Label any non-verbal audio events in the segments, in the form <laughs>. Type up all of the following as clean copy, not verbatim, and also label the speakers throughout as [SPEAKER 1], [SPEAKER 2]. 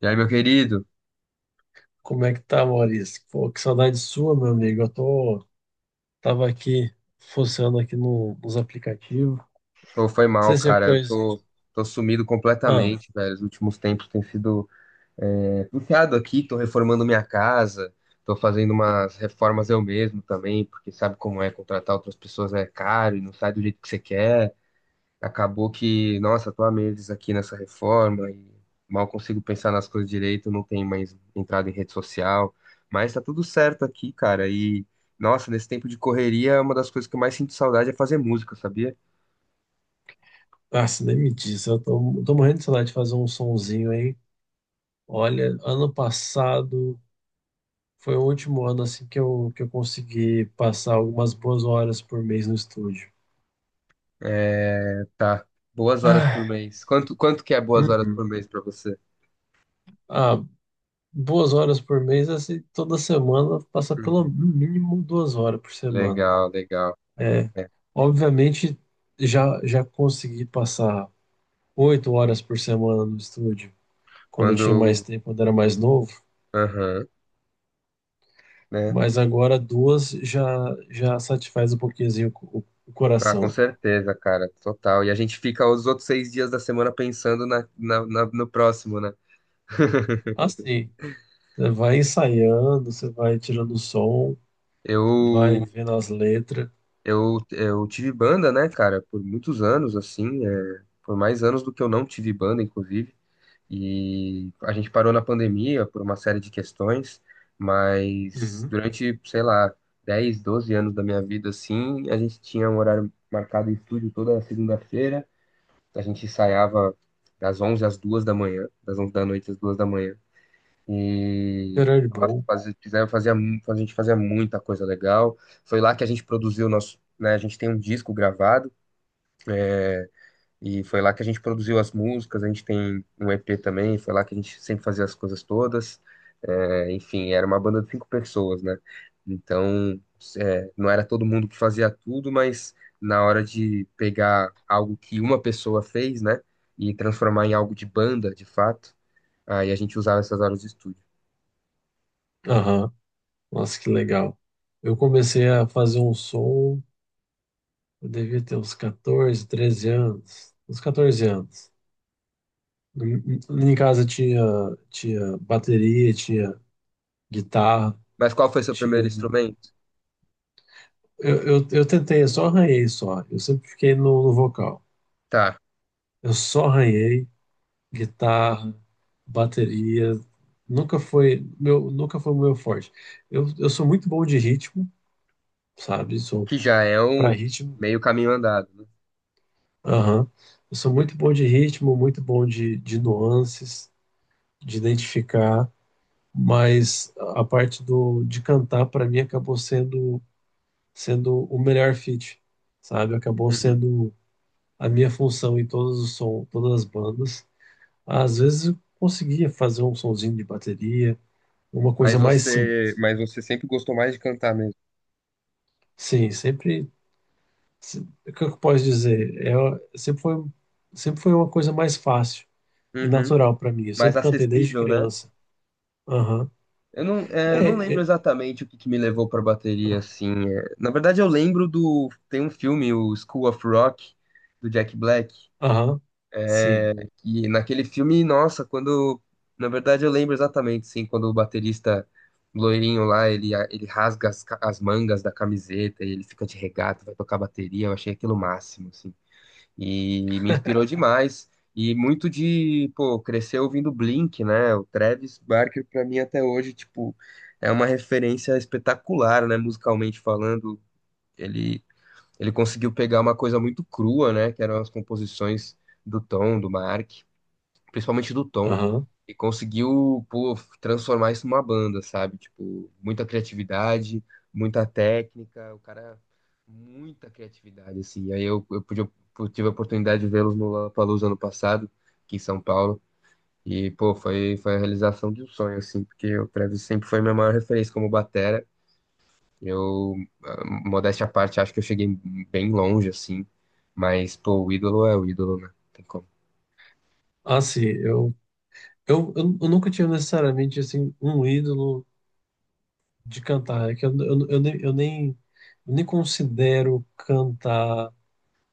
[SPEAKER 1] E aí, meu querido?
[SPEAKER 2] Como é que tá, Maurício? Pô, que saudade sua, meu amigo. Eu tô, tava aqui, funcionando aqui nos aplicativos. Não
[SPEAKER 1] Pô, foi mal,
[SPEAKER 2] sei se é
[SPEAKER 1] cara.
[SPEAKER 2] coisa...
[SPEAKER 1] Tô sumido
[SPEAKER 2] Ah,
[SPEAKER 1] completamente, velho. Os últimos tempos tem sido puxado aqui. Tô reformando minha casa, tô fazendo umas reformas eu mesmo também, porque sabe como é contratar outras pessoas é caro e não sai do jeito que você quer. Acabou que, nossa, tô há meses aqui nessa reforma e mal consigo pensar nas coisas direito. Não tenho mais entrada em rede social, mas tá tudo certo aqui, cara. E, nossa, nesse tempo de correria, uma das coisas que eu mais sinto saudade é fazer música, sabia?
[SPEAKER 2] se nem me diz. Tô morrendo de saudade de fazer um sonzinho aí. Olha, ano passado foi o último ano, assim, que eu consegui passar algumas boas horas por mês no estúdio.
[SPEAKER 1] É, tá. Boas horas
[SPEAKER 2] Ah,
[SPEAKER 1] por mês. Quanto que é boas horas por
[SPEAKER 2] uhum.
[SPEAKER 1] mês pra você?
[SPEAKER 2] Ah, boas horas por mês, assim, toda semana passa pelo
[SPEAKER 1] Uhum.
[SPEAKER 2] mínimo 2 horas por semana.
[SPEAKER 1] Legal, legal.
[SPEAKER 2] É,
[SPEAKER 1] É.
[SPEAKER 2] obviamente, já consegui passar 8 horas por semana no estúdio, quando eu tinha mais
[SPEAKER 1] Quando.
[SPEAKER 2] tempo, quando era mais novo,
[SPEAKER 1] Aham, né?
[SPEAKER 2] mas agora duas já, já satisfaz um pouquinhozinho o
[SPEAKER 1] Ah, com
[SPEAKER 2] coração.
[SPEAKER 1] certeza, cara, total. E a gente fica os outros 6 dias da semana pensando no próximo, né? <laughs>
[SPEAKER 2] Assim, né, vai ensaiando, você vai tirando o som, vai
[SPEAKER 1] Eu,
[SPEAKER 2] vendo as letras.
[SPEAKER 1] eu tive banda, né, cara, por muitos anos, assim, por mais anos do que eu não tive banda, inclusive. E a gente parou na pandemia por uma série de questões, mas
[SPEAKER 2] Uhum.
[SPEAKER 1] durante, sei lá, 10 12 anos da minha vida, assim, a gente tinha um horário marcado em estúdio toda segunda-feira. A gente ensaiava das 11 às 2 da manhã, das 11 da noite às 2 da manhã. E
[SPEAKER 2] Gerard
[SPEAKER 1] nossa,
[SPEAKER 2] Bom.
[SPEAKER 1] fazia, fizeram- fazia mu- a gente fazia muita coisa legal. Foi lá que a gente produziu o nosso, né, a gente tem um disco gravado e foi lá que a gente produziu as músicas, a gente tem um EP também, foi lá que a gente sempre fazia as coisas todas. É, enfim, era uma banda de 5 pessoas, né? Então, não era todo mundo que fazia tudo, mas na hora de pegar algo que uma pessoa fez, né? E transformar em algo de banda, de fato, aí a gente usava essas horas de estúdio.
[SPEAKER 2] Aham. Nossa, que legal. Eu comecei a fazer um som, eu devia ter uns 14 13 anos. Uns 14 anos. Lá em casa tinha, tinha bateria, tinha guitarra,
[SPEAKER 1] Mas qual foi seu
[SPEAKER 2] tinha.
[SPEAKER 1] primeiro
[SPEAKER 2] um-
[SPEAKER 1] instrumento?
[SPEAKER 2] Eu tentei, eu só arranhei só. Eu sempre fiquei no vocal.
[SPEAKER 1] Tá,
[SPEAKER 2] Eu só arranhei guitarra, bateria. Nunca foi o meu forte. Eu sou muito bom de ritmo, sabe? Sou
[SPEAKER 1] que já é
[SPEAKER 2] pra
[SPEAKER 1] um
[SPEAKER 2] ritmo.
[SPEAKER 1] meio caminho andado. Né?
[SPEAKER 2] Aham. Eu sou muito bom de ritmo, muito bom de nuances, de identificar. Mas a parte de cantar, para mim, acabou sendo o melhor fit, sabe? Acabou
[SPEAKER 1] Uhum.
[SPEAKER 2] sendo a minha função em todos os som, todas as bandas. Às vezes eu conseguia fazer um sonzinho de bateria, uma coisa
[SPEAKER 1] Mas
[SPEAKER 2] mais
[SPEAKER 1] você,
[SPEAKER 2] simples.
[SPEAKER 1] mas você sempre gostou mais de cantar mesmo.
[SPEAKER 2] Sim, sempre, se- o que eu posso dizer? É, sempre foi uma coisa mais fácil e
[SPEAKER 1] Uhum.
[SPEAKER 2] natural para mim. Eu
[SPEAKER 1] Mais
[SPEAKER 2] sempre cantei desde
[SPEAKER 1] acessível, né?
[SPEAKER 2] criança. Aham.
[SPEAKER 1] Eu não, eu não
[SPEAKER 2] É,
[SPEAKER 1] lembro
[SPEAKER 2] é,
[SPEAKER 1] exatamente o que me levou pra bateria,
[SPEAKER 2] ah,
[SPEAKER 1] assim. É. Na verdade, eu lembro do. Tem um filme, o School of Rock, do Jack Black.
[SPEAKER 2] aham. Sim.
[SPEAKER 1] É, que naquele filme, nossa, quando. Na verdade, eu lembro exatamente, sim, quando o baterista loirinho lá, ele rasga as, as mangas da camiseta e ele fica de regata, vai tocar bateria. Eu achei aquilo o máximo, assim. E me inspirou
[SPEAKER 2] <laughs>
[SPEAKER 1] demais. E muito de, pô, crescer ouvindo Blink, né? O Travis Barker, pra mim, até hoje, tipo, é uma referência espetacular, né? Musicalmente falando. Ele, ele conseguiu pegar uma coisa muito crua, né? Que eram as composições do Tom, do Mark, principalmente do Tom,
[SPEAKER 2] Aham.
[SPEAKER 1] e conseguiu, pô, transformar isso numa banda, sabe? Tipo, muita criatividade, muita técnica, o cara, muita criatividade, assim. Aí eu pude, eu tive a oportunidade de vê-los no Lollapalooza ano passado, aqui em São Paulo, e, pô, foi a realização de um sonho, assim, porque o Travis sempre foi minha maior referência como batera. Eu, ah, modéstia à parte, acho que eu cheguei bem longe, assim, mas, pô, o ídolo é o ídolo, né? Não tem como.
[SPEAKER 2] Ah, sim, eu nunca tinha necessariamente assim um ídolo de cantar. É que eu nem considero cantar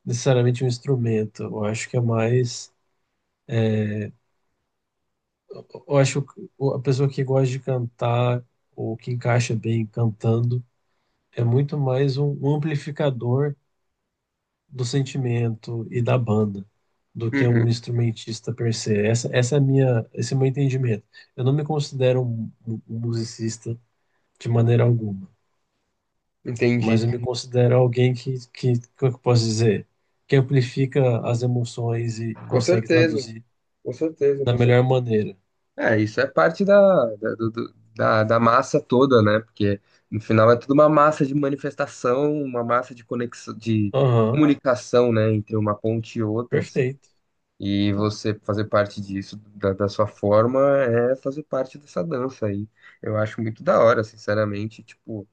[SPEAKER 2] necessariamente um instrumento. Eu acho que é mais. Eu acho que a pessoa que gosta de cantar ou que encaixa bem cantando é muito mais um amplificador do sentimento e da banda do que
[SPEAKER 1] Uhum,
[SPEAKER 2] um instrumentista per se. Essa é a minha, esse é o meu entendimento. Eu não me considero um um musicista de maneira alguma.
[SPEAKER 1] entendi.
[SPEAKER 2] Mas eu me considero alguém que, como é que eu posso dizer, que amplifica as emoções e
[SPEAKER 1] Com
[SPEAKER 2] consegue
[SPEAKER 1] certeza,
[SPEAKER 2] traduzir da
[SPEAKER 1] Com
[SPEAKER 2] melhor
[SPEAKER 1] certeza.
[SPEAKER 2] maneira.
[SPEAKER 1] É, isso é parte da, da, do- do- da, da massa toda, né? Porque no final é tudo uma massa de manifestação, uma massa de conexão, de
[SPEAKER 2] Aham,
[SPEAKER 1] comunicação, né? Entre uma ponte e outra, assim.
[SPEAKER 2] perfeito.
[SPEAKER 1] E você fazer parte disso, da sua forma, é fazer parte dessa dança aí. Eu acho muito da hora, sinceramente. Tipo,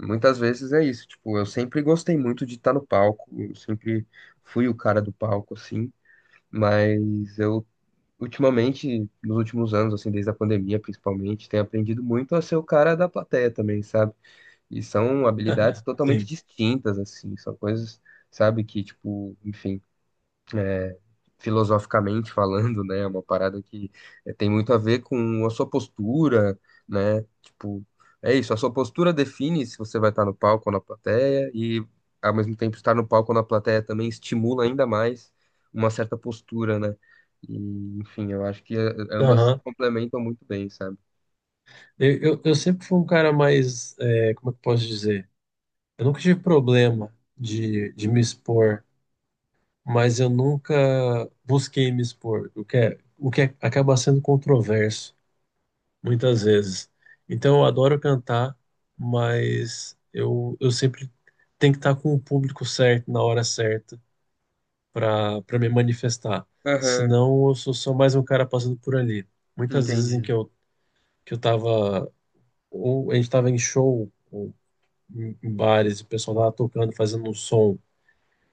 [SPEAKER 1] muitas vezes é isso. Tipo, eu sempre gostei muito de estar no palco, eu sempre fui o cara do palco, assim. Mas eu ultimamente, nos últimos anos, assim, desde a pandemia principalmente, tenho aprendido muito a ser o cara da plateia também, sabe? E são habilidades totalmente
[SPEAKER 2] Sim.
[SPEAKER 1] distintas, assim, são coisas, sabe, que, tipo, enfim. é, Filosoficamente falando, né? É uma parada que tem muito a ver com a sua postura, né? Tipo, é isso, a sua postura define se você vai estar no palco ou na plateia, e ao mesmo tempo estar no palco ou na plateia também estimula ainda mais uma certa postura, né? E, enfim, eu acho que ambas se
[SPEAKER 2] Aham.
[SPEAKER 1] complementam muito bem, sabe?
[SPEAKER 2] Eu sempre fui um cara mais, é, como é que eu posso dizer? Eu nunca tive problema de me expor, mas eu nunca busquei me expor, acaba sendo controverso. Muitas vezes. Então eu adoro cantar, mas eu sempre tenho que estar com o público certo na hora certa para me manifestar.
[SPEAKER 1] Aham,
[SPEAKER 2] Senão eu sou só mais um cara passando por ali. Muitas vezes em
[SPEAKER 1] entendi.
[SPEAKER 2] que eu tava ou a gente tava em show ou em em bares, o pessoal tava tocando, fazendo um som,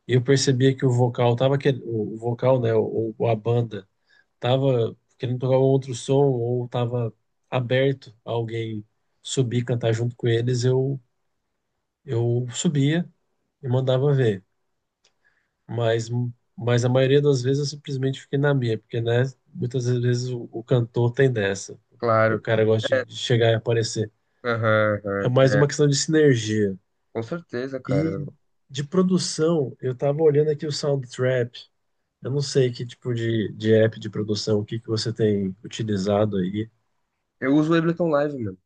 [SPEAKER 2] e eu percebia que o vocal tava que o vocal, né, ou a banda tava querendo tocar um outro som ou tava aberto a alguém subir e cantar junto com eles, eu subia e mandava ver. Mas, mas a maioria das vezes eu simplesmente fiquei na minha, porque né, muitas vezes o cantor tem dessa. O
[SPEAKER 1] Claro.
[SPEAKER 2] cara gosta de chegar e aparecer.
[SPEAKER 1] Aham,
[SPEAKER 2] É
[SPEAKER 1] aham.
[SPEAKER 2] mais
[SPEAKER 1] É,
[SPEAKER 2] uma questão de sinergia.
[SPEAKER 1] com certeza, cara.
[SPEAKER 2] E de produção, eu tava olhando aqui o Soundtrap. Eu não sei que tipo de app de produção, o que você tem utilizado aí.
[SPEAKER 1] Eu uso o Ableton Live, mano.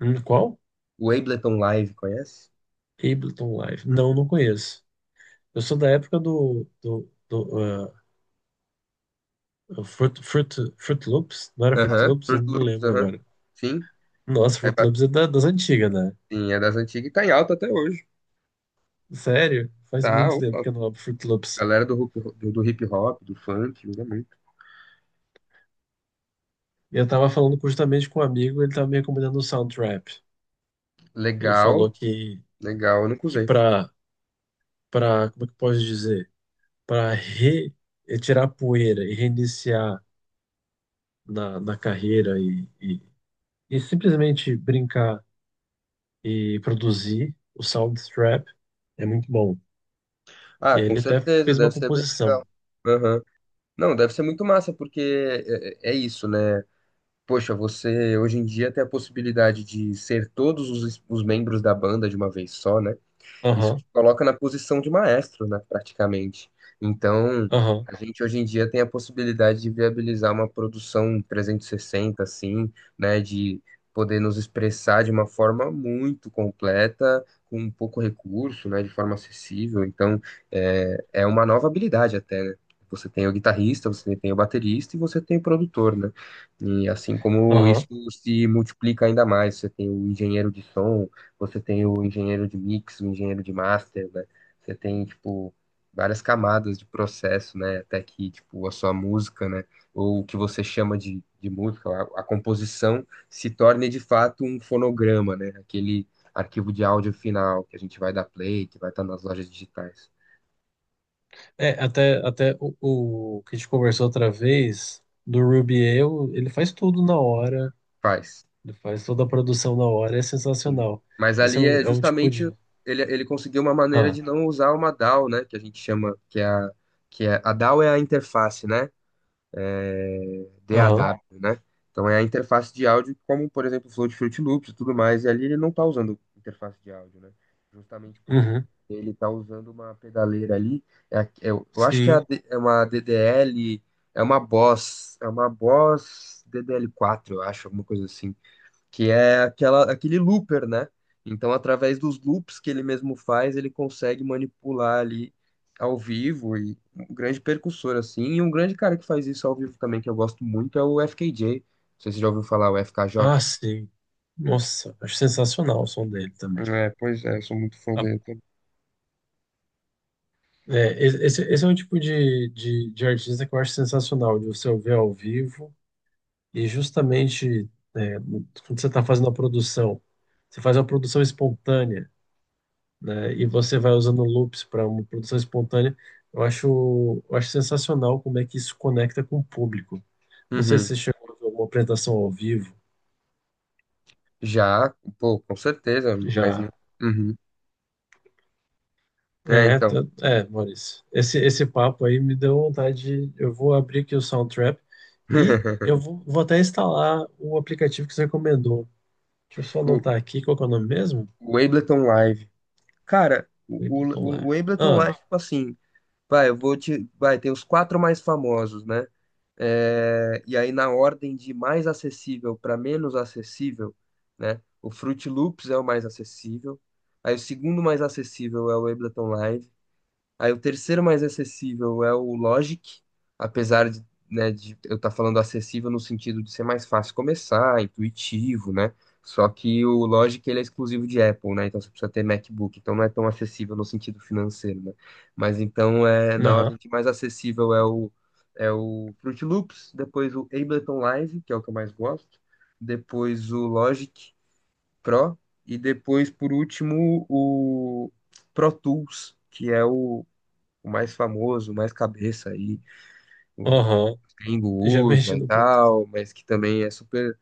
[SPEAKER 2] Qual?
[SPEAKER 1] O Ableton Live, conhece?
[SPEAKER 2] Ableton Live. Não, não conheço. Eu sou da época do Fruit Loops. Não era Fruit
[SPEAKER 1] Aham,
[SPEAKER 2] Loops? Eu
[SPEAKER 1] Fruit
[SPEAKER 2] não me
[SPEAKER 1] Loops,
[SPEAKER 2] lembro
[SPEAKER 1] aham.
[SPEAKER 2] agora.
[SPEAKER 1] Sim,
[SPEAKER 2] Nossa,
[SPEAKER 1] é,
[SPEAKER 2] Fruit
[SPEAKER 1] ba-
[SPEAKER 2] Loops é das antigas, né?
[SPEAKER 1] sim, é das antigas e tá em alta até hoje.
[SPEAKER 2] Sério? Faz
[SPEAKER 1] Tá,
[SPEAKER 2] muito tempo
[SPEAKER 1] opa.
[SPEAKER 2] que eu não abro Fruit Loops.
[SPEAKER 1] Galera do, do, do hip hop, do funk, usa muito.
[SPEAKER 2] E eu tava falando justamente com um amigo, ele tava me recomendando o Soundtrap. Ele
[SPEAKER 1] Legal,
[SPEAKER 2] falou
[SPEAKER 1] legal, eu nunca
[SPEAKER 2] que
[SPEAKER 1] usei.
[SPEAKER 2] pra, como é que eu posso dizer? Pra re, tirar a poeira e reiniciar na carreira e simplesmente brincar e produzir o Soundstrap. É muito bom. E
[SPEAKER 1] Ah,
[SPEAKER 2] aí
[SPEAKER 1] com
[SPEAKER 2] ele até
[SPEAKER 1] certeza,
[SPEAKER 2] fez
[SPEAKER 1] deve
[SPEAKER 2] uma
[SPEAKER 1] ser bem
[SPEAKER 2] composição.
[SPEAKER 1] legal. Aham. Não, deve ser muito massa, porque é isso, né? Poxa, você hoje em dia tem a possibilidade de ser todos os membros da banda de uma vez só, né? Isso te
[SPEAKER 2] Aham,
[SPEAKER 1] coloca na posição de maestro, né, praticamente. Então,
[SPEAKER 2] aham,
[SPEAKER 1] a gente hoje em dia tem a possibilidade de viabilizar uma produção 360, assim, né, de poder nos expressar de uma forma muito completa, com pouco recurso, né, de forma acessível. Então, é, é uma nova habilidade até, né? Você tem o guitarrista, você tem o baterista e você tem o produtor, né? E assim como isso
[SPEAKER 2] aham.
[SPEAKER 1] se multiplica ainda mais, você tem o engenheiro de som, você tem o engenheiro de mix, o engenheiro de master, né? Você tem, tipo, várias camadas de processo, né? Até que, tipo, a sua música, né? Ou o que você chama de música, a composição se torne de fato um fonograma, né? Aquele arquivo de áudio final que a gente vai dar play, que vai estar nas lojas digitais.
[SPEAKER 2] É, até o que a gente conversou outra vez, do Rubiel, ele faz tudo na hora,
[SPEAKER 1] Faz,
[SPEAKER 2] ele faz toda a produção na hora, é
[SPEAKER 1] sim.
[SPEAKER 2] sensacional.
[SPEAKER 1] Mas
[SPEAKER 2] Esse é
[SPEAKER 1] ali é
[SPEAKER 2] é um tipo
[SPEAKER 1] justamente
[SPEAKER 2] de.
[SPEAKER 1] ele conseguiu uma maneira
[SPEAKER 2] Ah,
[SPEAKER 1] de não usar uma DAW, né? Que a gente chama, que é, a DAW é a interface, né?
[SPEAKER 2] aham,
[SPEAKER 1] DAW, né? Então é a interface de áudio, como por exemplo o Flow de Fruit Loops e tudo mais, e ali ele não está usando interface de áudio, né? Justamente porque
[SPEAKER 2] uhum,
[SPEAKER 1] ele está usando uma pedaleira ali, a- eu acho que é,
[SPEAKER 2] sim.
[SPEAKER 1] É uma DDL, é uma Boss DDL4, eu acho, alguma coisa assim que é aquela, aquele looper, né? Então, através dos loops que ele mesmo faz, ele consegue manipular ali ao vivo e um grande percussor assim, e um grande cara que faz isso ao vivo também que eu gosto muito é o FKJ. Não sei se você já ouviu falar o FKJ.
[SPEAKER 2] Ah, sim. Nossa, acho sensacional o som dele também.
[SPEAKER 1] É, pois é, eu sou muito fã
[SPEAKER 2] Ah,
[SPEAKER 1] dele também.
[SPEAKER 2] é, esse é um tipo de artista que eu acho sensacional, de você ouvir ao vivo. E justamente é, quando você está fazendo a produção, você faz uma produção espontânea, né? E você vai usando loops para uma produção espontânea. Eu acho sensacional como é que isso conecta com o público. Não sei se
[SPEAKER 1] Uhum.
[SPEAKER 2] você chegou a ver alguma apresentação ao vivo
[SPEAKER 1] Já, pô, com certeza, mas
[SPEAKER 2] já.
[SPEAKER 1] uhum. É,
[SPEAKER 2] É,
[SPEAKER 1] então.
[SPEAKER 2] é, Maurício. Esse papo aí me deu vontade. Eu vou abrir aqui o Soundtrap e
[SPEAKER 1] <laughs>
[SPEAKER 2] vou até instalar o aplicativo que você recomendou. Deixa eu só
[SPEAKER 1] O,
[SPEAKER 2] anotar aqui qual que é o nome mesmo.
[SPEAKER 1] o Ableton Live. Cara,
[SPEAKER 2] Ableton Live.
[SPEAKER 1] o Ableton
[SPEAKER 2] Ah,
[SPEAKER 1] Live, tipo assim, vai, eu vou te. Vai, tem os 4 mais famosos, né? É. E aí, na ordem de mais acessível para menos acessível, né? O Fruit Loops é o mais acessível. Aí, o segundo mais acessível é o Ableton Live. Aí o terceiro mais acessível é o Logic, apesar de, né, de eu estar falando acessível no sentido de ser mais fácil começar, intuitivo, né? Só que o Logic ele é exclusivo de Apple, né? Então você precisa ter MacBook, então não é tão acessível no sentido financeiro, né? Mas então é na ordem
[SPEAKER 2] aham,
[SPEAKER 1] que mais acessível é o é o Fruit Loops, depois o Ableton Live, que é o que eu mais gosto, depois o Logic Pro e depois por último o Pro Tools, que é o mais famoso, o mais cabeça aí, o
[SPEAKER 2] aham.
[SPEAKER 1] Tengu
[SPEAKER 2] Já <laughs>
[SPEAKER 1] usa
[SPEAKER 2] mexi
[SPEAKER 1] e
[SPEAKER 2] no Pro Tools.
[SPEAKER 1] tal, mas que também é super.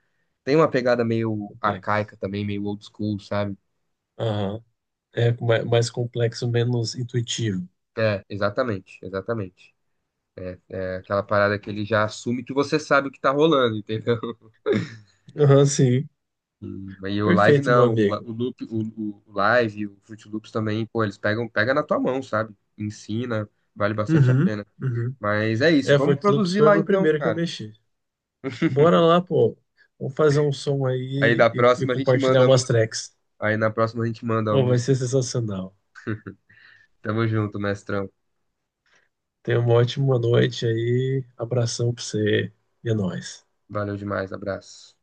[SPEAKER 1] Tem uma pegada meio
[SPEAKER 2] Complexo.
[SPEAKER 1] arcaica também, meio old school, sabe?
[SPEAKER 2] Aham. É mais complexo, menos intuitivo.
[SPEAKER 1] É, exatamente, exatamente. É aquela parada que ele já assume que você sabe o que tá rolando, entendeu? <laughs>
[SPEAKER 2] Aham, sim.
[SPEAKER 1] E, e o live
[SPEAKER 2] Perfeito, meu
[SPEAKER 1] não,
[SPEAKER 2] amigo.
[SPEAKER 1] o loop, o live, o Fruit Loops também, pô, eles pegam, pega na tua mão, sabe? Ensina, vale bastante a
[SPEAKER 2] Uhum,
[SPEAKER 1] pena.
[SPEAKER 2] uhum.
[SPEAKER 1] Mas é isso,
[SPEAKER 2] É,
[SPEAKER 1] vamos
[SPEAKER 2] Fortloops
[SPEAKER 1] produzir
[SPEAKER 2] foi o
[SPEAKER 1] lá
[SPEAKER 2] meu
[SPEAKER 1] então,
[SPEAKER 2] primeiro que eu
[SPEAKER 1] cara.
[SPEAKER 2] mexi. Bora lá, pô. Vamos fazer um som
[SPEAKER 1] Aí
[SPEAKER 2] aí
[SPEAKER 1] da
[SPEAKER 2] e
[SPEAKER 1] próxima a gente
[SPEAKER 2] compartilhar
[SPEAKER 1] manda a
[SPEAKER 2] umas
[SPEAKER 1] música.
[SPEAKER 2] tracks.
[SPEAKER 1] Aí na próxima a gente manda a
[SPEAKER 2] Pô, vai
[SPEAKER 1] música
[SPEAKER 2] ser
[SPEAKER 1] um.
[SPEAKER 2] sensacional.
[SPEAKER 1] Tamo junto, mestrão.
[SPEAKER 2] Tenha uma ótima noite aí. Abração pra você e é nóis.
[SPEAKER 1] Valeu demais, abraço.